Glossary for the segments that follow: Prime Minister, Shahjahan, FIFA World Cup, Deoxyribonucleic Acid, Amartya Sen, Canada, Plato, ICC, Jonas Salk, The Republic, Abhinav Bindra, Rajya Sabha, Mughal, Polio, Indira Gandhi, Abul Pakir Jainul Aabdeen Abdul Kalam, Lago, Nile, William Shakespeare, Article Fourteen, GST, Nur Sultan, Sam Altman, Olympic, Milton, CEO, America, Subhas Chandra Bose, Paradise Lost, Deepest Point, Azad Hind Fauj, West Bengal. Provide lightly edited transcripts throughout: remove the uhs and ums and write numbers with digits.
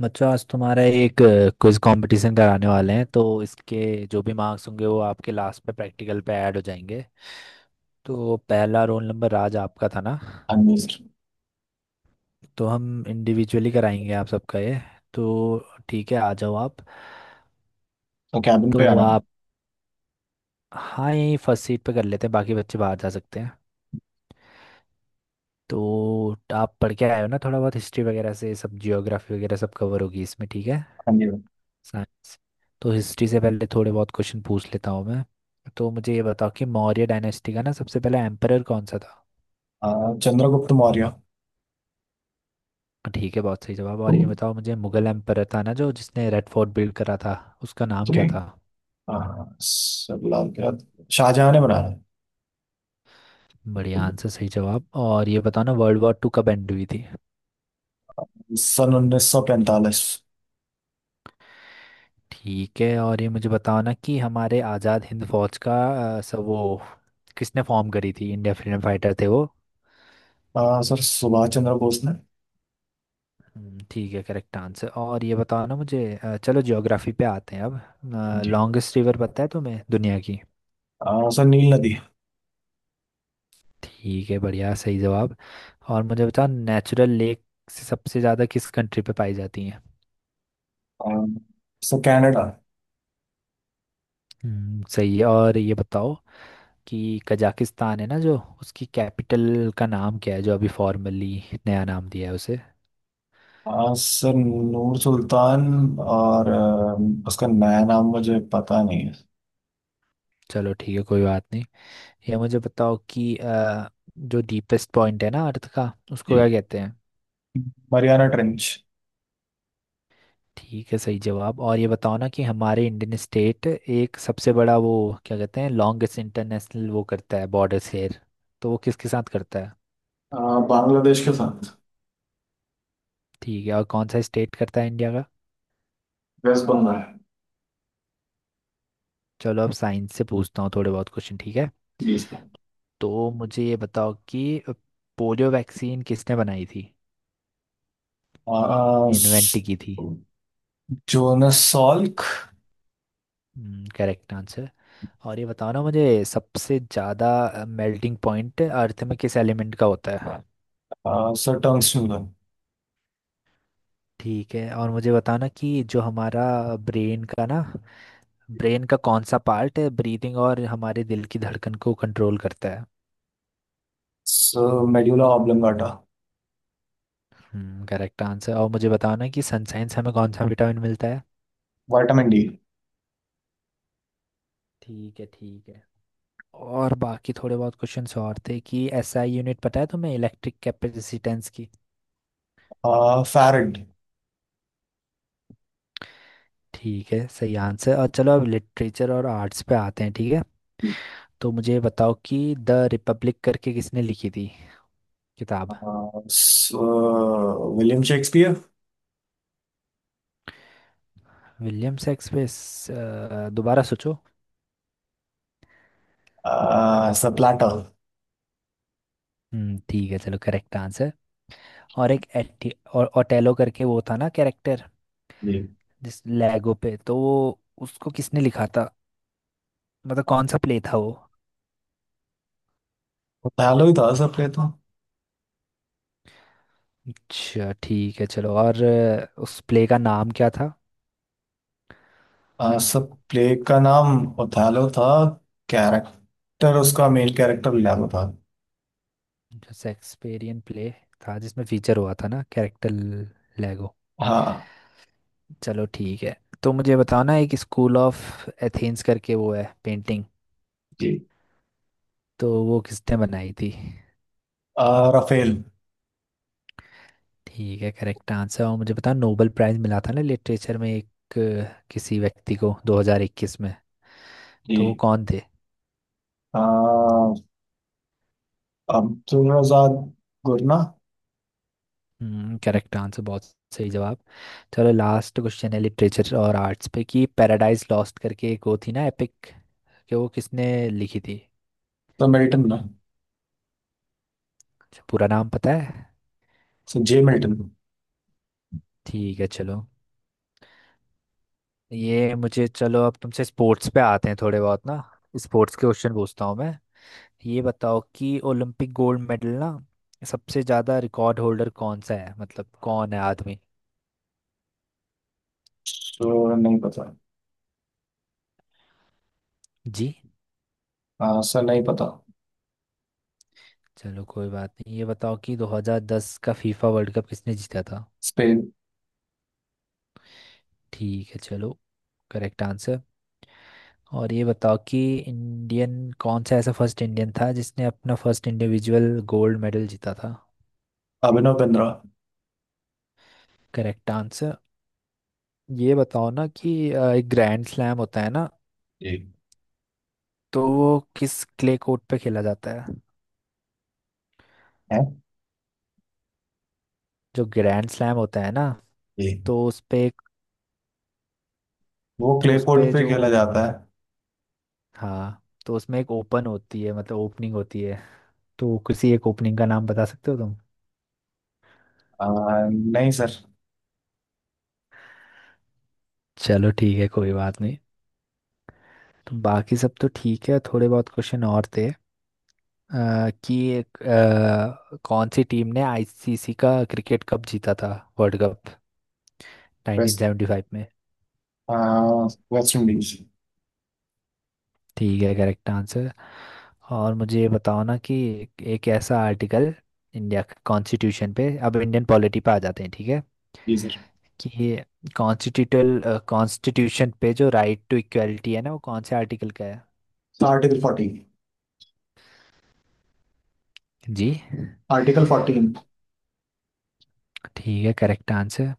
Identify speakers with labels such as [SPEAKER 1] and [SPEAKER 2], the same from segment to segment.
[SPEAKER 1] बच्चों आज तुम्हारा एक क्विज कंपटीशन कराने वाले हैं। तो इसके जो भी मार्क्स होंगे वो आपके लास्ट पे प्रैक्टिकल पे ऐड हो जाएंगे। तो पहला रोल नंबर आज आपका था ना।
[SPEAKER 2] अनम्यूट।
[SPEAKER 1] तो हम इंडिविजुअली कराएंगे आप सबका ये। तो ठीक है, आ जाओ आप।
[SPEAKER 2] तो कैबिन पे
[SPEAKER 1] तो
[SPEAKER 2] आना।
[SPEAKER 1] आप, हाँ यहीं फर्स्ट सीट पे कर लेते हैं, बाकी बच्चे बाहर जा सकते हैं। तो आप पढ़ के आए हो ना, थोड़ा बहुत हिस्ट्री वगैरह से सब, जियोग्राफी वगैरह सब कवर होगी इसमें, ठीक है।
[SPEAKER 2] अनम्यूट।
[SPEAKER 1] साइंस। तो हिस्ट्री से पहले थोड़े बहुत क्वेश्चन पूछ लेता हूँ मैं। तो मुझे ये बताओ कि मौर्य डायनेस्टी का ना सबसे पहला एम्परर कौन सा था।
[SPEAKER 2] चंद्रगुप्त मौर्य।
[SPEAKER 1] ठीक है, बहुत सही जवाब। और ये बताओ मुझे, मुगल एम्परर था ना जो जिसने रेड फोर्ट बिल्ड करा था, उसका नाम क्या
[SPEAKER 2] जी,
[SPEAKER 1] था।
[SPEAKER 2] सलाम, क्या शाहजहां ने बनाया है।
[SPEAKER 1] बढ़िया आंसर, सही जवाब। और ये बताओ ना, वर्ल्ड वॉर टू कब एंड हुई थी।
[SPEAKER 2] सन 1945।
[SPEAKER 1] ठीक है। और ये मुझे बताओ ना कि हमारे आज़ाद हिंद फौज का सब वो किसने फॉर्म करी थी। इंडिया फ्रीडम फाइटर थे वो।
[SPEAKER 2] सर सुभाष चंद्र बोस ने।
[SPEAKER 1] ठीक है, करेक्ट आंसर। और ये बताओ ना मुझे, चलो ज्योग्राफी पे आते हैं अब।
[SPEAKER 2] जी।
[SPEAKER 1] लॉन्गेस्ट रिवर पता है तुम्हें दुनिया की।
[SPEAKER 2] सर नील नदी।
[SPEAKER 1] ठीक है, बढ़िया, सही जवाब। और मुझे बताओ नेचुरल लेक से सबसे ज़्यादा किस कंट्री पे पाई जाती हैं।
[SPEAKER 2] आ, सर कनाडा।
[SPEAKER 1] सही है। और ये बताओ कि कजाकिस्तान है ना जो, उसकी कैपिटल का नाम क्या है, जो अभी फॉर्मली नया नाम दिया है उसे।
[SPEAKER 2] सर नूर सुल्तान। और उसका नया नाम मुझे पता नहीं है।
[SPEAKER 1] चलो ठीक है, कोई बात नहीं। ये मुझे बताओ कि जो डीपेस्ट पॉइंट है ना अर्थ का, उसको क्या
[SPEAKER 2] जी।
[SPEAKER 1] कहते हैं।
[SPEAKER 2] Mariana trench.
[SPEAKER 1] ठीक है, सही जवाब। और ये बताओ ना कि हमारे इंडियन स्टेट, एक सबसे बड़ा वो, क्या कहते हैं लॉन्गेस्ट इंटरनेशनल वो करता है बॉर्डर शेयर, तो वो किसके साथ करता है।
[SPEAKER 2] आ, बांग्लादेश के साथ।
[SPEAKER 1] ठीक है, और कौन सा स्टेट करता है इंडिया का।
[SPEAKER 2] वेस्ट बंगाल।
[SPEAKER 1] चलो अब साइंस से पूछता हूँ थोड़े बहुत क्वेश्चन, ठीक है।
[SPEAKER 2] जी सर।
[SPEAKER 1] तो मुझे ये बताओ कि पोलियो वैक्सीन किसने बनाई थी, इन्वेंट की थी।
[SPEAKER 2] आ, Jonas Salk।
[SPEAKER 1] Correct answer. और ये बताओ ना मुझे, सबसे ज़्यादा मेल्टिंग पॉइंट अर्थ में किस एलिमेंट का होता है।
[SPEAKER 2] Sir Tung Snugan।
[SPEAKER 1] ठीक है। और मुझे बताओ ना कि जो हमारा ब्रेन का ना, ब्रेन का कौन सा पार्ट है ब्रीदिंग और हमारे दिल की धड़कन को कंट्रोल करता है।
[SPEAKER 2] Sir Medulla Oblongata।
[SPEAKER 1] हम्म, करेक्ट आंसर। और मुझे बताओ ना कि सनसाइन से हमें कौन सा विटामिन मिलता है।
[SPEAKER 2] Vitamin D।
[SPEAKER 1] ठीक है ठीक है। और बाकी थोड़े बहुत क्वेश्चंस और थे, कि एसआई यूनिट पता है तुम्हें इलेक्ट्रिक कैपेसिटेंस की।
[SPEAKER 2] Farad।
[SPEAKER 1] ठीक है, सही आंसर। और चलो अब लिटरेचर और आर्ट्स पे आते हैं, ठीक है। तो मुझे बताओ कि द रिपब्लिक करके किसने लिखी थी किताब।
[SPEAKER 2] Sir William Shakespeare।
[SPEAKER 1] William Shakespeare दोबारा सोचो।
[SPEAKER 2] Sir Plato।
[SPEAKER 1] हम्म, ठीक है चलो, करेक्ट आंसर। और एक एटी और ओटेलो करके वो था ना कैरेक्टर,
[SPEAKER 2] जी।
[SPEAKER 1] जिस लैगो पे, तो वो उसको किसने लिखा था, मतलब कौन सा प्ले था वो।
[SPEAKER 2] ओथेलो ही था सर, प्ले तो।
[SPEAKER 1] अच्छा, ठीक है चलो। और उस प्ले का नाम क्या था।
[SPEAKER 2] सर, प्ले का नाम ओथेलो था। कैरेक्टर, उसका मेन कैरेक्टर लियागो था।
[SPEAKER 1] जो शेक्सपियरियन प्ले था, जिसमें फीचर हुआ था ना कैरेक्टर लैगो।
[SPEAKER 2] हाँ।
[SPEAKER 1] चलो ठीक है। तो मुझे बताओ ना, एक स्कूल ऑफ एथेंस करके वो है पेंटिंग,
[SPEAKER 2] जी।
[SPEAKER 1] तो वो किसने बनाई थी।
[SPEAKER 2] राफेल।
[SPEAKER 1] ठीक है, करेक्ट आंसर। और मुझे पता, नोबेल प्राइज मिला था ना लिटरेचर में एक, किसी व्यक्ति को 2021 में, तो वो
[SPEAKER 2] जी।
[SPEAKER 1] कौन थे।
[SPEAKER 2] अह, अब्दुल रजाक गुरना।
[SPEAKER 1] हम्म, करेक्ट आंसर, बहुत सही जवाब। चलो लास्ट क्वेश्चन है लिटरेचर और आर्ट्स पे, कि पैराडाइज लॉस्ट करके एक वो थी ना एपिक, कि वो किसने लिखी थी।
[SPEAKER 2] तो मिल्टन ना।
[SPEAKER 1] अच्छा, पूरा नाम पता है।
[SPEAKER 2] Sir J Milton.
[SPEAKER 1] ठीक है चलो। ये मुझे, चलो अब तुमसे स्पोर्ट्स पे आते हैं, थोड़े बहुत ना स्पोर्ट्स के क्वेश्चन पूछता हूँ मैं। ये बताओ कि ओलंपिक गोल्ड मेडल ना सबसे ज़्यादा रिकॉर्ड होल्डर कौन सा है, मतलब कौन है आदमी।
[SPEAKER 2] श्योर नहीं पता।
[SPEAKER 1] जी।
[SPEAKER 2] आंसर नहीं पता।
[SPEAKER 1] चलो कोई बात नहीं, ये बताओ कि 2010 का फीफा वर्ल्ड कप किसने जीता था।
[SPEAKER 2] स्पेन।
[SPEAKER 1] ठीक है चलो, करेक्ट आंसर। और ये बताओ कि इंडियन कौन सा ऐसा फर्स्ट इंडियन था जिसने अपना फर्स्ट इंडिविजुअल गोल्ड मेडल जीता था।
[SPEAKER 2] अभिनव बिंद्रा।
[SPEAKER 1] Correct answer. ये बताओ ना कि एक ग्रैंड स्लैम होता है ना,
[SPEAKER 2] एक
[SPEAKER 1] तो वो किस क्ले कोर्ट पे खेला जाता है।
[SPEAKER 2] है।
[SPEAKER 1] जो ग्रैंड स्लैम होता है ना,
[SPEAKER 2] एक।
[SPEAKER 1] तो उस पे,
[SPEAKER 2] वो
[SPEAKER 1] तो
[SPEAKER 2] क्ले
[SPEAKER 1] उस
[SPEAKER 2] कोर्ट
[SPEAKER 1] पे
[SPEAKER 2] पे
[SPEAKER 1] जो,
[SPEAKER 2] खेला जाता है।
[SPEAKER 1] हाँ तो उसमें एक ओपन होती है, मतलब ओपनिंग होती है, तो किसी एक ओपनिंग का नाम बता सकते हो तुम।
[SPEAKER 2] आ, नहीं सर।
[SPEAKER 1] चलो ठीक है, कोई बात नहीं। तो बाकी सब तो ठीक है, थोड़े बहुत क्वेश्चन और थे, कि एक, कौन सी टीम ने आईसीसी का क्रिकेट कप जीता था, वर्ल्ड कप,
[SPEAKER 2] वेस्ट
[SPEAKER 1] 1975 में।
[SPEAKER 2] आ, वेस्ट इंडीज।
[SPEAKER 1] ठीक है, करेक्ट आंसर। और मुझे ये बताओ ना कि एक एक ऐसा आर्टिकल, इंडिया के कॉन्स्टिट्यूशन पे, अब इंडियन पॉलिटी पे आ जाते हैं ठीक है,
[SPEAKER 2] जी सर।
[SPEAKER 1] कि ये कॉन्स्टिट्यूटल कॉन्स्टिट्यूशन पे जो राइट टू इक्वलिटी है ना, वो कौन से आर्टिकल का है।
[SPEAKER 2] आर्टिकल फोर्टी
[SPEAKER 1] जी,
[SPEAKER 2] आर्टिकल 14। इंदिरा
[SPEAKER 1] ठीक है करेक्ट आंसर।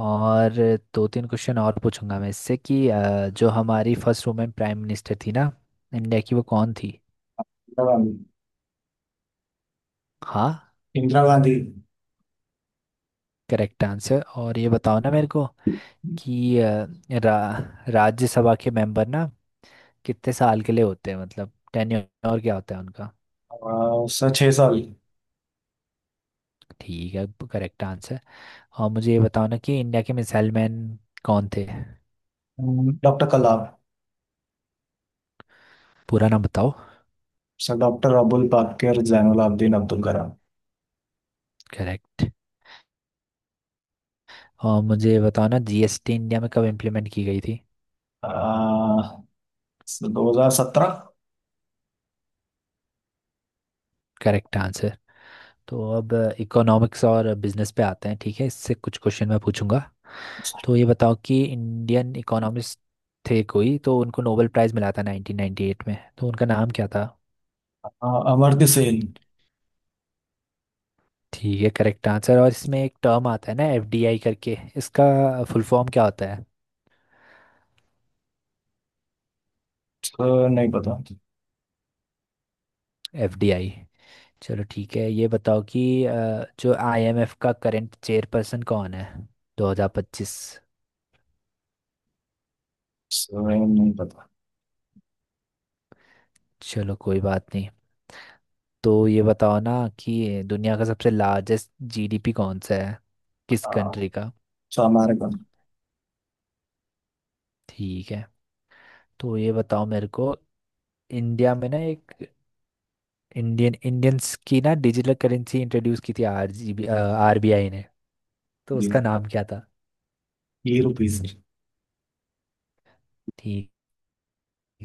[SPEAKER 1] और दो तीन क्वेश्चन और पूछूंगा मैं इससे, कि जो हमारी फर्स्ट वुमेन प्राइम मिनिस्टर थी ना इंडिया की, वो कौन थी।
[SPEAKER 2] गांधी।
[SPEAKER 1] हाँ,
[SPEAKER 2] इंदिरा गांधी।
[SPEAKER 1] Correct answer. और ये बताओ ना मेरे को कि राज्यसभा के मेंबर ना कितने साल के लिए होते हैं, मतलब टेन्योर क्या होता है उनका।
[SPEAKER 2] सर 6 साल।
[SPEAKER 1] ठीक है, करेक्ट आंसर। और मुझे ये बताओ ना कि इंडिया के मिसाइल मैन कौन थे।
[SPEAKER 2] डॉक्टर कलाम।
[SPEAKER 1] पूरा नाम बताओ।
[SPEAKER 2] Sir doctor Abul Pakir Jainul Abdeen Abdul Kalam.
[SPEAKER 1] Correct. और मुझे ये बताओ ना, जीएसटी इंडिया में कब इम्प्लीमेंट की गई थी।
[SPEAKER 2] आ, सर 2017।
[SPEAKER 1] Correct answer. तो अब इकोनॉमिक्स और बिजनेस पे आते हैं, ठीक है, इससे कुछ क्वेश्चन मैं पूछूंगा। तो ये बताओ कि इंडियन इकोनॉमिस्ट थे कोई, तो उनको नोबेल प्राइज़ मिला था 1998 में, तो उनका नाम क्या था।
[SPEAKER 2] अमर्त्य सेन।
[SPEAKER 1] ठीक है, करेक्ट आंसर। और इसमें एक टर्म आता है ना, एफडीआई करके, इसका फुल फॉर्म क्या होता है,
[SPEAKER 2] सर नहीं पता।
[SPEAKER 1] एफडीआई। चलो ठीक है। ये बताओ कि जो आईएमएफ का करंट चेयरपर्सन कौन है 2025।
[SPEAKER 2] सर नहीं पता।
[SPEAKER 1] चलो कोई बात नहीं। तो ये बताओ ना कि दुनिया का सबसे लार्जेस्ट जीडीपी कौन सा है, किस
[SPEAKER 2] आ,
[SPEAKER 1] कंट्री का।
[SPEAKER 2] So America.
[SPEAKER 1] ठीक है। तो ये बताओ मेरे को, इंडिया में ना एक इंडियन इंडियंस की ना डिजिटल करेंसी इंट्रोड्यूस की थी आरजीबी आरबीआई ने, तो
[SPEAKER 2] जी।
[SPEAKER 1] उसका नाम क्या था।
[SPEAKER 2] ये रुपी सर।
[SPEAKER 1] ठीक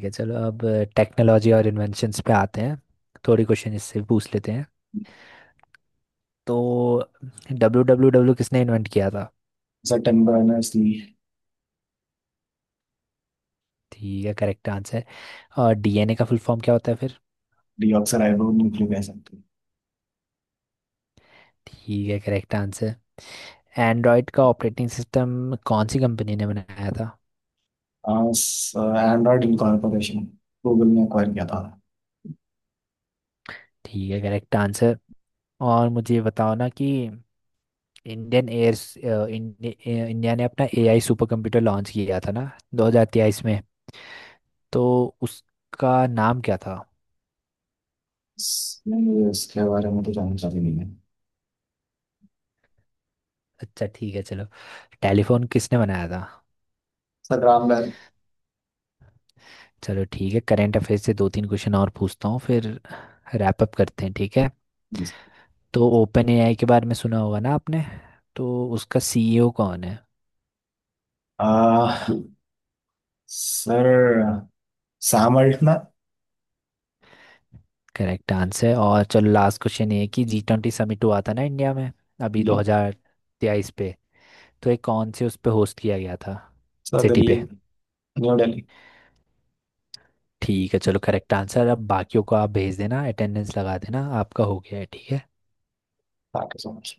[SPEAKER 1] है चलो। अब टेक्नोलॉजी और इन्वेंशंस पे आते हैं, थोड़ी क्वेश्चन इससे भी पूछ लेते हैं। तो डब्ल्यू डब्ल्यू डब्ल्यू किसने इन्वेंट किया था।
[SPEAKER 2] Sir Tim Berners Lee.
[SPEAKER 1] ठीक है, करेक्ट आंसर। और डीएनए का फुल फॉर्म क्या होता है फिर।
[SPEAKER 2] Deoxyribo nucleic acid.
[SPEAKER 1] ठीक है, करेक्ट आंसर। एंड्रॉयड का ऑपरेटिंग सिस्टम कौन सी कंपनी ने बनाया था।
[SPEAKER 2] Android incorporation. गूगल ने एक्वायर किया था।
[SPEAKER 1] ठीक है, करेक्ट आंसर। और मुझे ये बताओ ना कि इंडियन एयर इंडिया ने अपना एआई सुपर कंप्यूटर लॉन्च किया था ना 2023 में, तो उसका नाम क्या था।
[SPEAKER 2] सर, मुझे इसके बारे में तो जानकारी नहीं है।
[SPEAKER 1] अच्छा ठीक है चलो। टेलीफोन किसने बनाया था।
[SPEAKER 2] सर राम बैल।
[SPEAKER 1] चलो ठीक है, करंट अफेयर्स से दो तीन क्वेश्चन और पूछता हूँ फिर रैप अप करते हैं, ठीक है।
[SPEAKER 2] जी।
[SPEAKER 1] तो ओपन एआई के बारे में सुना होगा ना आपने, तो उसका सीईओ कौन है।
[SPEAKER 2] आ, sir Sam Altman.
[SPEAKER 1] Correct answer है। और चलो लास्ट क्वेश्चन ये है कि जी ट्वेंटी समिट हुआ था ना इंडिया में, अभी दो
[SPEAKER 2] जी।
[SPEAKER 1] हजार तेईस पे, तो ये कौन से उस पे होस्ट किया गया था,
[SPEAKER 2] सर
[SPEAKER 1] सिटी
[SPEAKER 2] दिल्ली।
[SPEAKER 1] पे।
[SPEAKER 2] न्यू दिल्ली।
[SPEAKER 1] ठीक है चलो, करेक्ट आंसर। अब बाकियों को आप भेज देना, अटेंडेंस लगा देना, आपका हो गया है, ठीक है।
[SPEAKER 2] Thank you so much.